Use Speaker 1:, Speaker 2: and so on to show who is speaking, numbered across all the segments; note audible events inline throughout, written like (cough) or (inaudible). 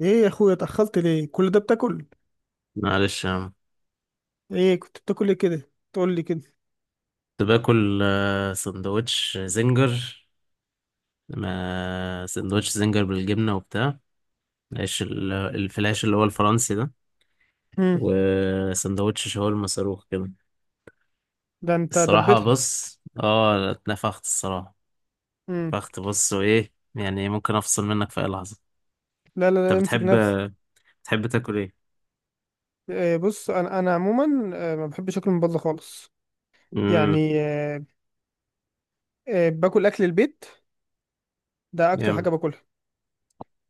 Speaker 1: ايه يا اخويا، اتأخرت ليه كل ده بتاكل؟
Speaker 2: معلش يا عم.
Speaker 1: ايه كنت بتاكل ايه كده؟ تقول لي كده.
Speaker 2: كنت باكل سندوتش زنجر. ما سندوتش زنجر بالجبنة وبتاع العيش الفلاش اللي هو الفرنسي ده،
Speaker 1: امم.
Speaker 2: وسندوتش شاورما صاروخ كده.
Speaker 1: ده انت
Speaker 2: الصراحة
Speaker 1: دبتها.
Speaker 2: بص، اتنفخت الصراحة.
Speaker 1: امم.
Speaker 2: اتنفخت بص، وايه يعني؟ ممكن افصل منك في اي لحظة.
Speaker 1: لا لا
Speaker 2: انت
Speaker 1: لا، امسك
Speaker 2: بتحب
Speaker 1: نفسك.
Speaker 2: بتحب تاكل ايه؟
Speaker 1: إيه، بص، انا عموما، ما بحبش اكل من بره خالص.
Speaker 2: امم.
Speaker 1: يعني باكل اكل البيت، ده اكتر حاجه
Speaker 2: جامد.
Speaker 1: باكلها.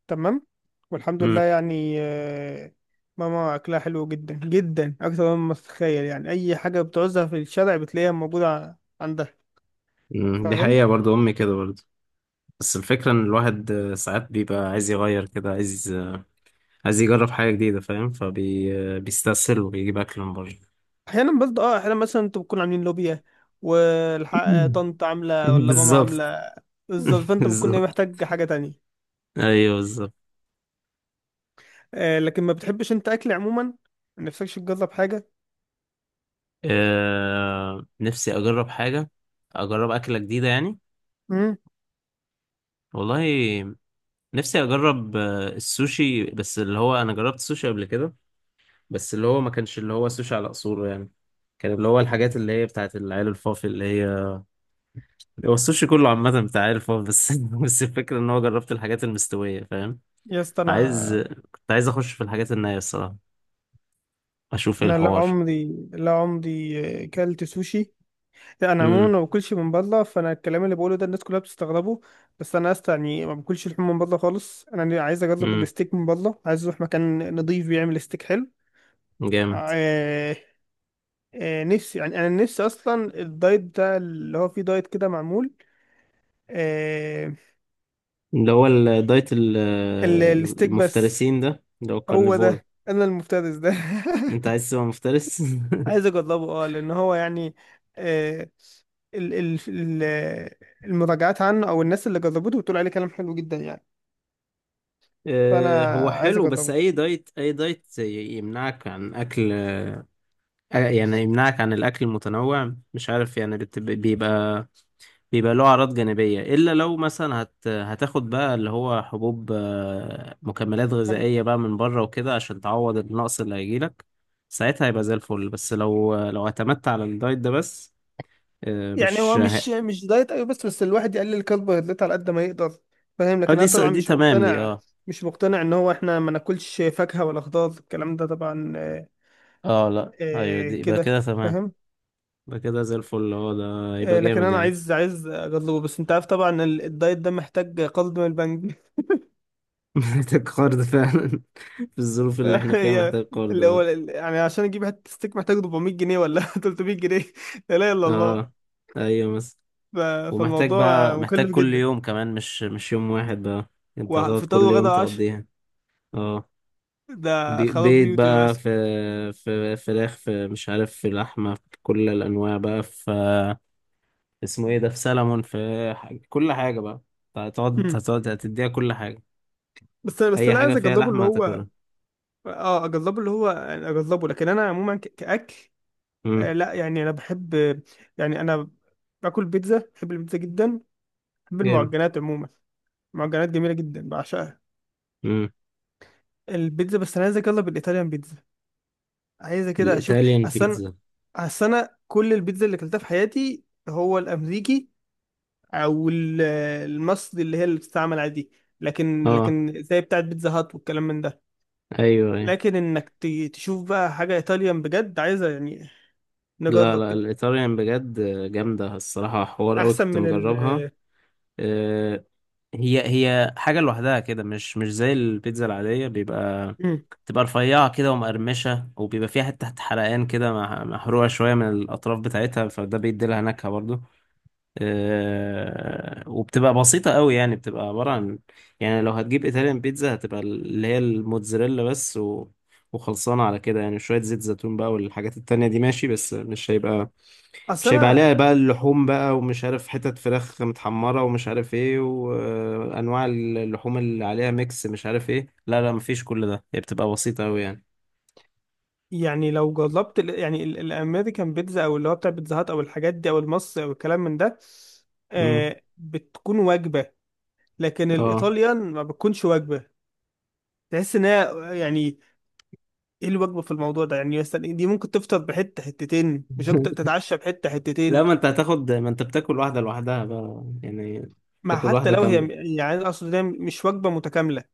Speaker 1: تمام. والحمد لله
Speaker 2: امم.
Speaker 1: يعني. ماما اكلها حلو جدا جدا، اكتر مما تتخيل. يعني اي حاجه بتعوزها في الشارع بتلاقيها موجوده عندها.
Speaker 2: دي
Speaker 1: فاهم.
Speaker 2: حقيقة برضو، امي كده برضو. بس الفكرة ان الواحد ساعات بيبقى عايز يغير كده، عايز يجرب حاجة جديدة فاهم، فبيستسهل وبيجيب أكل من بره.
Speaker 1: احيانا برضه اه، احيانا مثلا انتوا بتكونوا عاملين لوبيا والحق
Speaker 2: (laughs)
Speaker 1: طنط عامله ولا ماما
Speaker 2: بالظبط.
Speaker 1: عامله؟ بالظبط،
Speaker 2: (laughs)
Speaker 1: فانت بتكون ايه،
Speaker 2: بالظبط.
Speaker 1: محتاج حاجه تانية.
Speaker 2: أيوه بالظبط.
Speaker 1: آه، لكن ما بتحبش انت اكل عموما، ما نفسكش تجرب حاجه؟
Speaker 2: نفسي أجرب حاجة، أجرب أكلة جديدة يعني.
Speaker 1: امم.
Speaker 2: والله نفسي أجرب السوشي، بس اللي هو أنا جربت السوشي قبل كده. بس اللي هو ما كانش اللي هو سوشي على أصوله يعني، كان اللي هو الحاجات اللي هي بتاعت العيال الفافي، اللي هي هو السوشي كله عامة بتاع عيال الفافي بس. (laughs) بس الفكرة إن هو جربت الحاجات المستوية فاهم.
Speaker 1: يا اسطى
Speaker 2: عايز
Speaker 1: انا،
Speaker 2: كنت عايز اخش في الحاجات النية الصراحة، اشوف ايه
Speaker 1: انا لا
Speaker 2: الحوار.
Speaker 1: عمري لا عمري كلت سوشي. لا انا عموما
Speaker 2: امم.
Speaker 1: ما باكلش من بره، فانا الكلام اللي بقوله ده الناس كلها بتستغربه. بس انا يا اسطى، يعني ما باكلش لحوم من بره خالص. انا عايز اجرب
Speaker 2: امم.
Speaker 1: الستيك من بره، عايز اروح مكان نضيف بيعمل ستيك حلو.
Speaker 2: جامد.
Speaker 1: آه، نفسي يعني، انا نفسي اصلا الدايت ده اللي هو فيه دايت كده معمول. آه،
Speaker 2: اللي هو الدايت
Speaker 1: الستيك بس.
Speaker 2: المفترسين ده، اللي هو
Speaker 1: هو
Speaker 2: الكارنيفور.
Speaker 1: ده، انا المفترس ده.
Speaker 2: انت عايز تبقى مفترس؟
Speaker 1: (laughs)
Speaker 2: (laughs)
Speaker 1: عايز اجربه، اه، لان هو يعني آه، ال ال ال المراجعات عنه او الناس اللي جربته بتقول عليه كلام حلو جدا يعني. فانا
Speaker 2: هو
Speaker 1: عايز
Speaker 2: حلو، بس
Speaker 1: اجربه.
Speaker 2: اي دايت، يمنعك عن اكل، يعني يمنعك عن الاكل المتنوع، مش عارف يعني بيبقى له أعراض جانبية، إلا لو مثلا هتاخد بقى اللي هو حبوب، مكملات غذائية بقى من بره وكده، عشان تعوض النقص اللي هيجيلك. ساعتها هيبقى زي الفل، بس لو اعتمدت على الدايت ده بس،
Speaker 1: يعني
Speaker 2: مش
Speaker 1: هو مش مش دايت، ايوه، بس بس الواحد يقلل كربوهيدرات على قد ما يقدر. فاهم؟
Speaker 2: اه،
Speaker 1: لكن
Speaker 2: دي
Speaker 1: انا طبعا
Speaker 2: دي
Speaker 1: مش
Speaker 2: تمام، دي
Speaker 1: مقتنع،
Speaker 2: اه.
Speaker 1: مش مقتنع ان هو احنا ما ناكلش فاكهة ولا خضار، الكلام ده طبعا
Speaker 2: اه لا، ايوه
Speaker 1: آه
Speaker 2: دي يبقى
Speaker 1: كده.
Speaker 2: كده تمام.
Speaker 1: فاهم.
Speaker 2: يبقى كده زي الفل، اه ده يبقى
Speaker 1: آه، لكن
Speaker 2: جامد
Speaker 1: انا
Speaker 2: يعني.
Speaker 1: عايز اجربه، بس انت عارف طبعا الدايت ده محتاج قرض من البنك.
Speaker 2: (laughs) محتاج قرض فعلا. (laughs) في الظروف اللي احنا
Speaker 1: (laughs)
Speaker 2: فيها
Speaker 1: هي،
Speaker 2: محتاج قرض،
Speaker 1: اللي هو
Speaker 2: اه.
Speaker 1: يعني عشان اجيب حته ستيك محتاج 400 جنيه ولا (laughs) 300 جنيه. لا اله الا الله.
Speaker 2: اه. ايوه مثلا.
Speaker 1: ف-
Speaker 2: ومحتاج
Speaker 1: فالموضوع
Speaker 2: بقى، محتاج
Speaker 1: مكلف
Speaker 2: كل
Speaker 1: جدا،
Speaker 2: يوم كمان، مش يوم واحد بقى. انت هتقعد
Speaker 1: وفطار
Speaker 2: كل
Speaker 1: وغدا
Speaker 2: يوم
Speaker 1: وعشاء،
Speaker 2: تقضيها. اه.
Speaker 1: ده خراب
Speaker 2: بيض
Speaker 1: بيوتي يا
Speaker 2: بقى،
Speaker 1: باشا.
Speaker 2: في في فراخ، في مش عارف، في لحمة، في كل الأنواع بقى، في اسمه ايه ده، في سلمون، في حاجة. كل حاجة بقى. أنت هتقعد
Speaker 1: مم.
Speaker 2: هتقعد هتديها كل حاجة.
Speaker 1: بس انا بس
Speaker 2: أي
Speaker 1: انا
Speaker 2: حاجة
Speaker 1: عايز
Speaker 2: فيها
Speaker 1: اجربه اللي
Speaker 2: لحمة
Speaker 1: هو،
Speaker 2: هتاكلها.
Speaker 1: اه اجربه اللي هو يعني اجربه، لكن انا عموما كاكل.
Speaker 2: امم.
Speaker 1: آه لا يعني انا بحب، يعني انا باكل بيتزا، بحب البيتزا جدا، بحب
Speaker 2: جامد.
Speaker 1: المعجنات عموما. معجنات جميله جدا بعشقها.
Speaker 2: امم.
Speaker 1: البيتزا بس انا عايزك يلا بالايطاليان بيتزا، عايزه كده اشوف.
Speaker 2: الإيطاليان
Speaker 1: اصل انا
Speaker 2: بيتزا.
Speaker 1: اصل انا كل البيتزا اللي اكلتها في حياتي هو الامريكي او المصري اللي هي اللي بتستعمل عادي. لكن
Speaker 2: اه.
Speaker 1: لكن زي بتاعت بيتزا هات والكلام من ده،
Speaker 2: أيوه أيوه.
Speaker 1: لكن انك تشوف بقى حاجه ايطاليان بجد عايزه يعني،
Speaker 2: لا
Speaker 1: نجرب
Speaker 2: لا،
Speaker 1: كده
Speaker 2: الإيطاليان بجد جامدة الصراحة، حوار أوي،
Speaker 1: احسن
Speaker 2: كنت
Speaker 1: من ال
Speaker 2: مجربها. آه، هي حاجة لوحدها كده، مش زي البيتزا العادية، بيبقى
Speaker 1: مم.
Speaker 2: تبقى رفيعة كده ومقرمشة، وبيبقى فيها حتة تحت حرقان كده، محروقة شوية من الأطراف بتاعتها، فده بيدي لها نكهة برضو. أه، وبتبقى بسيطة قوي يعني، بتبقى عبارة عن، يعني لو هتجيب إيطاليان بيتزا، هتبقى اللي هي الموتزاريلا بس وخلصانة على كده يعني، شوية زيت زيتون بقى، والحاجات التانية دي ماشي، بس
Speaker 1: اصل
Speaker 2: مش هيبقى
Speaker 1: انا
Speaker 2: عليها بقى اللحوم بقى، ومش عارف حتت فراخ متحمرة ومش عارف ايه، وانواع اللحوم اللي عليها ميكس مش عارف ايه. لا لا مفيش كل ده، هي بتبقى بسيطة اوي يعني.
Speaker 1: يعني لو جربت يعني الامريكان بيتزا او اللي هو بتاع بيتزا هات او الحاجات دي او المصري او الكلام من ده،
Speaker 2: امم.
Speaker 1: آه بتكون وجبه. لكن
Speaker 2: اه.
Speaker 1: الايطاليان ما بتكونش وجبه، تحس ان هي يعني، ايه الوجبه في الموضوع ده؟ يعني مثلا دي ممكن تفطر بحته حتتين مش اكتر،
Speaker 2: (laughs)
Speaker 1: تتعشى بحته
Speaker 2: لا،
Speaker 1: حتتين،
Speaker 2: ما انت هتاخد، ما انت بتاكل واحدة لوحدها بقى يعني،
Speaker 1: مع
Speaker 2: تاكل
Speaker 1: حتى
Speaker 2: واحدة
Speaker 1: لو هي
Speaker 2: كاملة.
Speaker 1: يعني، أنا اقصد إن هي مش وجبه متكامله.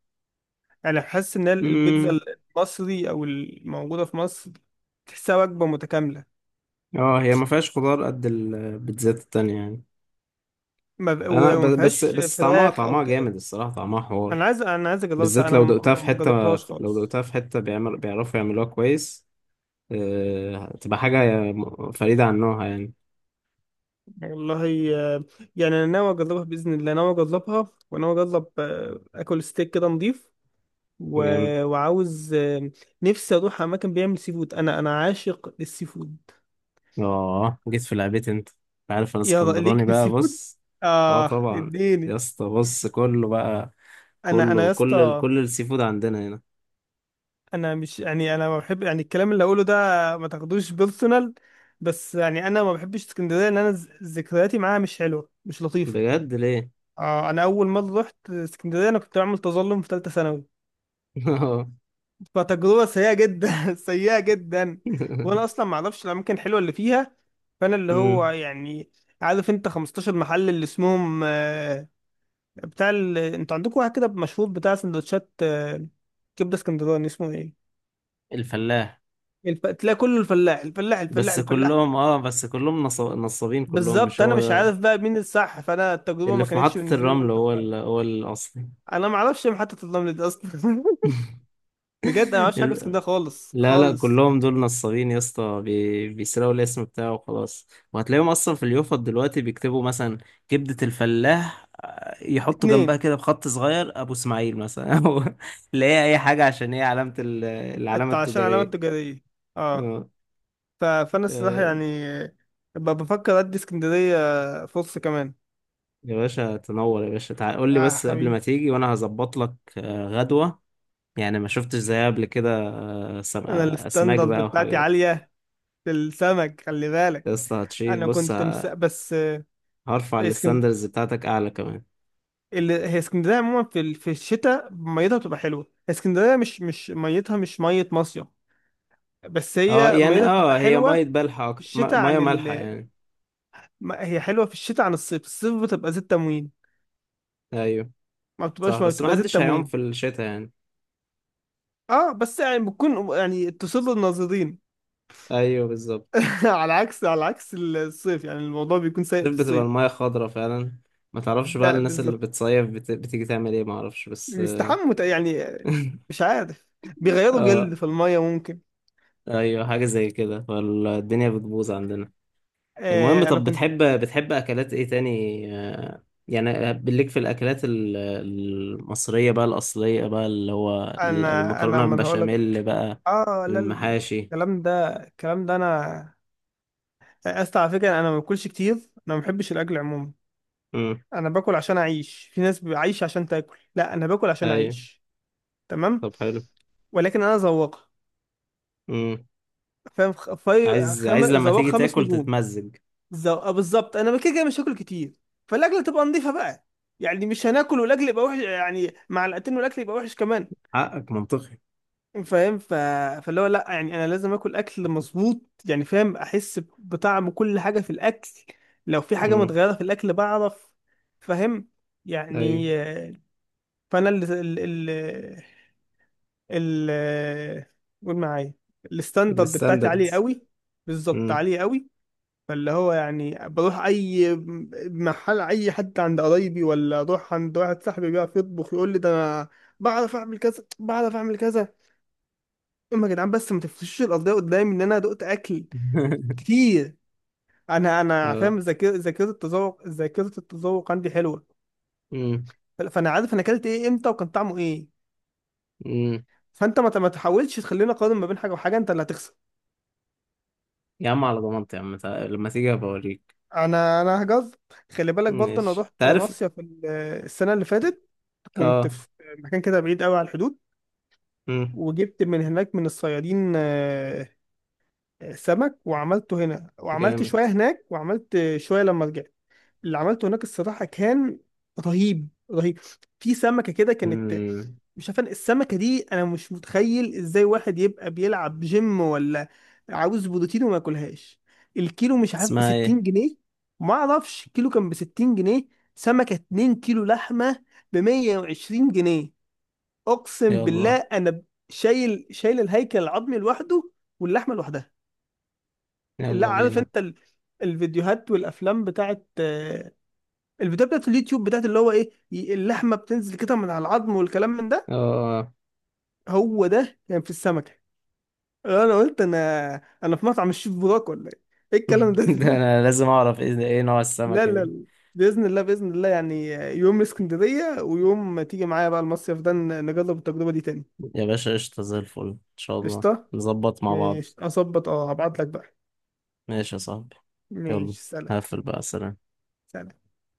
Speaker 1: يعني حاسس ان البيتزا
Speaker 2: امم.
Speaker 1: المصري او الموجوده في مصر تحسها وجبه متكامله.
Speaker 2: اه هي ما فيهاش خضار قد البيتزات التانية يعني.
Speaker 1: ما ب-
Speaker 2: انا
Speaker 1: وما
Speaker 2: بس
Speaker 1: فيهاش
Speaker 2: بس طعمها
Speaker 1: فراخ او
Speaker 2: طعمها
Speaker 1: كده.
Speaker 2: جامد الصراحة، طعمها حوار.
Speaker 1: انا عايز اجربها، بس
Speaker 2: بالذات
Speaker 1: انا
Speaker 2: لو
Speaker 1: ما
Speaker 2: دقتها في
Speaker 1: ما
Speaker 2: حتة،
Speaker 1: جربتهاش
Speaker 2: لو
Speaker 1: خالص.
Speaker 2: دقتها في حتة بيعرفوا يعملوها كويس. تبقى حاجة فريدة عن نوعها يعني.
Speaker 1: والله يعني انا ناوي اجربها باذن الله، ناوي اجربها وناوي اجرب اكل ستيك كده نضيف، و...
Speaker 2: جامد.
Speaker 1: وعاوز نفسي اروح اماكن بيعمل سي فود، انا عاشق للسي فود.
Speaker 2: اه جيت في لعبتي انت، عارف انا
Speaker 1: ليك
Speaker 2: اسكندراني
Speaker 1: في
Speaker 2: بقى،
Speaker 1: السي فود،
Speaker 2: بص. اه
Speaker 1: اه،
Speaker 2: طبعا.
Speaker 1: اديني.
Speaker 2: يا اسطى بص كله بقى.
Speaker 1: انا يا اسطى،
Speaker 2: كل السي فود عندنا هنا.
Speaker 1: انا مش يعني، انا ما بحب يعني الكلام اللي هقوله ده، ما تاخدوش بيرسونال، بس يعني انا ما بحبش اسكندريه، ان انا ذكرياتي معاها مش حلوه، مش لطيفه.
Speaker 2: بجد ليه؟
Speaker 1: آه انا اول ما رحت اسكندريه انا كنت بعمل تظلم في ثالثه ثانوي،
Speaker 2: (laughs) اه.
Speaker 1: فتجربه سيئه جدا (laughs) سيئه جدا. وانا اصلا ما اعرفش الاماكن الحلوه اللي فيها، فانا اللي هو
Speaker 2: أمم،
Speaker 1: يعني، عارف انت 15 محل اللي اسمهم انتوا عندكم واحد كده مشهور بتاع سندوتشات كبده اسكندراني، اسمه ايه؟
Speaker 2: الفلاح.
Speaker 1: تلاقي كله الفلاح الفلاح الفلاح
Speaker 2: بس
Speaker 1: الفلاح.
Speaker 2: كلهم، نصابين كلهم، مش
Speaker 1: بالظبط، انا
Speaker 2: هو
Speaker 1: مش
Speaker 2: ده.
Speaker 1: عارف بقى مين الصح، فانا التجربه
Speaker 2: اللي
Speaker 1: ما
Speaker 2: في
Speaker 1: كانتش
Speaker 2: محطة
Speaker 1: بالنسبه لي
Speaker 2: الرمل
Speaker 1: الطف حاجه.
Speaker 2: هو الأصلي.
Speaker 1: انا ما اعرفش محطه الرمل دي اصلا. (laughs) بجد انا ما اعرفش حاجه في
Speaker 2: (laughs)
Speaker 1: اسكندريه خالص
Speaker 2: لا لا،
Speaker 1: خالص.
Speaker 2: كلهم دول نصابين يا اسطى، بيسرقوا الاسم بتاعه وخلاص. وهتلاقيهم اصلا في اليوفط دلوقتي بيكتبوا مثلا كبدة الفلاح، يحطوا جنبها
Speaker 1: اتنين
Speaker 2: كده بخط صغير ابو اسماعيل مثلا، (laughs) او اللي هي اي حاجة، عشان هي علامة العلامة
Speaker 1: عشان علامات
Speaker 2: التجارية.
Speaker 1: تجاريه، اه.
Speaker 2: آه،
Speaker 1: فانا الصراحه
Speaker 2: آه،
Speaker 1: يعني، ببقى بفكر ادي اسكندريه فرصه كمان.
Speaker 2: يا باشا تنور، يا باشا تعال قول لي
Speaker 1: اه
Speaker 2: بس قبل ما
Speaker 1: حبيبي.
Speaker 2: تيجي، وانا هظبط لك غدوة. يعني ما شفتش زيها قبل كده. سم...
Speaker 1: انا
Speaker 2: آه، اسماك
Speaker 1: الستاندرد
Speaker 2: بقى
Speaker 1: بتاعتي
Speaker 2: وحاجات.
Speaker 1: عاليه في السمك، خلي
Speaker 2: يا
Speaker 1: بالك.
Speaker 2: اسطى هتشيل بص،
Speaker 1: بس
Speaker 2: هرفع
Speaker 1: اسكند...
Speaker 2: الستاندرز بتاعتك اعلى كمان.
Speaker 1: هي اسكندريه عموما في في الشتاء ميتها بتبقى حلوه، اسكندريه مش ميتها، مش ميه مصيف، بس
Speaker 2: اه
Speaker 1: هي
Speaker 2: يعني،
Speaker 1: ميتها بتبقى
Speaker 2: اه هي
Speaker 1: حلوه
Speaker 2: ميه مالحه
Speaker 1: في
Speaker 2: اكتر
Speaker 1: الشتاء
Speaker 2: ميه
Speaker 1: عن
Speaker 2: مالحه يعني.
Speaker 1: هي حلوه في الشتاء عن الصيف، الصيف بتبقى زيت تموين،
Speaker 2: ايوه
Speaker 1: ما
Speaker 2: صح،
Speaker 1: بتبقاش ما
Speaker 2: بس ما
Speaker 1: بتبقى زيت
Speaker 2: حدش هيعوم
Speaker 1: تموين.
Speaker 2: في الشتاء يعني.
Speaker 1: اه، بس يعني بتكون يعني تصل الناظرين.
Speaker 2: ايوه بالظبط.
Speaker 1: (laughs) على عكس الصيف، يعني الموضوع بيكون سيء
Speaker 2: الصيف
Speaker 1: في
Speaker 2: بتبقى
Speaker 1: الصيف.
Speaker 2: الميه خضرة فعلا، ما تعرفش بقى
Speaker 1: ده
Speaker 2: الناس اللي
Speaker 1: بالظبط.
Speaker 2: بتصيف بتيجي تعمل ايه، ما اعرفش بس. (laughs)
Speaker 1: يعني مش عارف، بيغيروا جلد
Speaker 2: اه
Speaker 1: في المية ممكن.
Speaker 2: ايوه، حاجه زي كده، فالدنيا بتبوظ عندنا. المهم
Speaker 1: آه انا
Speaker 2: طب
Speaker 1: كنت
Speaker 2: بتحب اكلات ايه تاني؟ آه، يعني بالليك في الاكلات المصريه بقى الاصليه بقى، اللي هو
Speaker 1: انا
Speaker 2: المكرونه
Speaker 1: من هقول لك،
Speaker 2: بالبشاميل بقى،
Speaker 1: اه لا.
Speaker 2: المحاشي.
Speaker 1: الكلام ده انا، اسف على فكرة، انا ما باكلش كتير، انا ما بحبش الاكل عموما.
Speaker 2: امم.
Speaker 1: انا باكل عشان اعيش، في ناس عايشة عشان تاكل، لا انا باكل عشان
Speaker 2: ايوه
Speaker 1: اعيش. تمام.
Speaker 2: طب حلو.
Speaker 1: ولكن انا ذواق،
Speaker 2: امم.
Speaker 1: فاهم، خ- فريق
Speaker 2: عايز
Speaker 1: خم...
Speaker 2: لما
Speaker 1: زوار
Speaker 2: تيجي
Speaker 1: خمس
Speaker 2: تاكل
Speaker 1: نجوم.
Speaker 2: تتمزج.
Speaker 1: آه بالظبط، انا كده كده مش هاكل كتير، فالاكله تبقى نظيفه بقى، يعني مش هناكل والاكل يبقى وحش، يعني معلقتين والاكل يبقى وحش كمان.
Speaker 2: حقك منطقي.
Speaker 1: فاهم؟ فاللي هو لا يعني انا لازم اكل اكل مظبوط، يعني فاهم، احس بطعم كل حاجه في الاكل، لو في حاجه
Speaker 2: امم.
Speaker 1: متغيره في الاكل بعرف. فاهم،
Speaker 2: ايوه.
Speaker 1: يعني فانا ال- قول معايا، الستاندرد بتاعتي عاليه
Speaker 2: الستاندردز.
Speaker 1: قوي. بالظبط،
Speaker 2: امم.
Speaker 1: عاليه قوي. فاللي هو يعني بروح اي محل، اي حد عند قرايبي ولا اروح عند واحد صاحبي بيعرف يطبخ، يقول لي ده انا بعرف اعمل كذا، بعرف اعمل كذا، اما يا جدعان، بس ما تفرشوش القضيه قدامي ان انا دقت اكل
Speaker 2: (laughs)
Speaker 1: كتير. انا فاهم،
Speaker 2: اه.
Speaker 1: ذاكره التذوق عندي حلوه.
Speaker 2: امم.
Speaker 1: فانا عارف انا اكلت ايه امتى وكان طعمه ايه،
Speaker 2: امم.
Speaker 1: فانت ما تحاولش تخليني اقارن ما بين حاجه وحاجه، انت اللي هتخسر.
Speaker 2: يا عم على ضمانتي يا عم، لما تيجي بوريك.
Speaker 1: انا هجز، خلي بالك برضه، انا
Speaker 2: ماشي
Speaker 1: رحت
Speaker 2: تعرف.
Speaker 1: مصيف السنه اللي فاتت، كنت
Speaker 2: اه.
Speaker 1: في مكان كده بعيد قوي على الحدود،
Speaker 2: امم.
Speaker 1: وجبت من هناك من الصيادين سمك، وعملته هنا، وعملت
Speaker 2: جامد.
Speaker 1: شوية هناك، وعملت شوية لما رجعت. اللي عملته هناك الصراحة كان رهيب رهيب. في سمكة كده كانت،
Speaker 2: امم.
Speaker 1: مش عارف، السمكة دي أنا مش متخيل إزاي واحد يبقى بيلعب جيم ولا عاوز بروتين وما ياكلهاش. الكيلو مش عارف
Speaker 2: اسمها ايه؟
Speaker 1: بستين جنيه، ما أعرفش، الكيلو كان بستين جنيه، سمكة اتنين كيلو لحمة بمية وعشرين جنيه. اقسم بالله،
Speaker 2: يلا.
Speaker 1: انا شايل الهيكل العظمي لوحده واللحمه لوحدها. لا،
Speaker 2: يلا
Speaker 1: عارف
Speaker 2: بينا.
Speaker 1: انت الفيديوهات والافلام بتاعت الفيديوهات بتاعت اليوتيوب، بتاعت اللي هو ايه، اللحمه بتنزل كده من على العظم والكلام من ده؟
Speaker 2: اه.
Speaker 1: هو ده كان يعني في السمكه. انا قلت انا انا في مطعم الشيف بوراك ولا ايه؟ ايه الكلام ده؟
Speaker 2: (laughs) ده
Speaker 1: (laughs)
Speaker 2: انا لازم اعرف ايه نوع
Speaker 1: لا
Speaker 2: السمكة
Speaker 1: لا
Speaker 2: دي.
Speaker 1: لا. باذن الله باذن الله يعني، يوم اسكندريه ويوم تيجي معايا بقى المصيف ده، نجرب التجربه دي تاني.
Speaker 2: يا باشا قشطة زي الفل ان شاء الله.
Speaker 1: قشطه.
Speaker 2: نظبط مع بعض.
Speaker 1: ماشي، اظبط، اه هبعت لك بقى.
Speaker 2: ماشي يا صاحبي. يلا
Speaker 1: ماشي، سلام.
Speaker 2: هقفل بقى، سلام.
Speaker 1: سلام.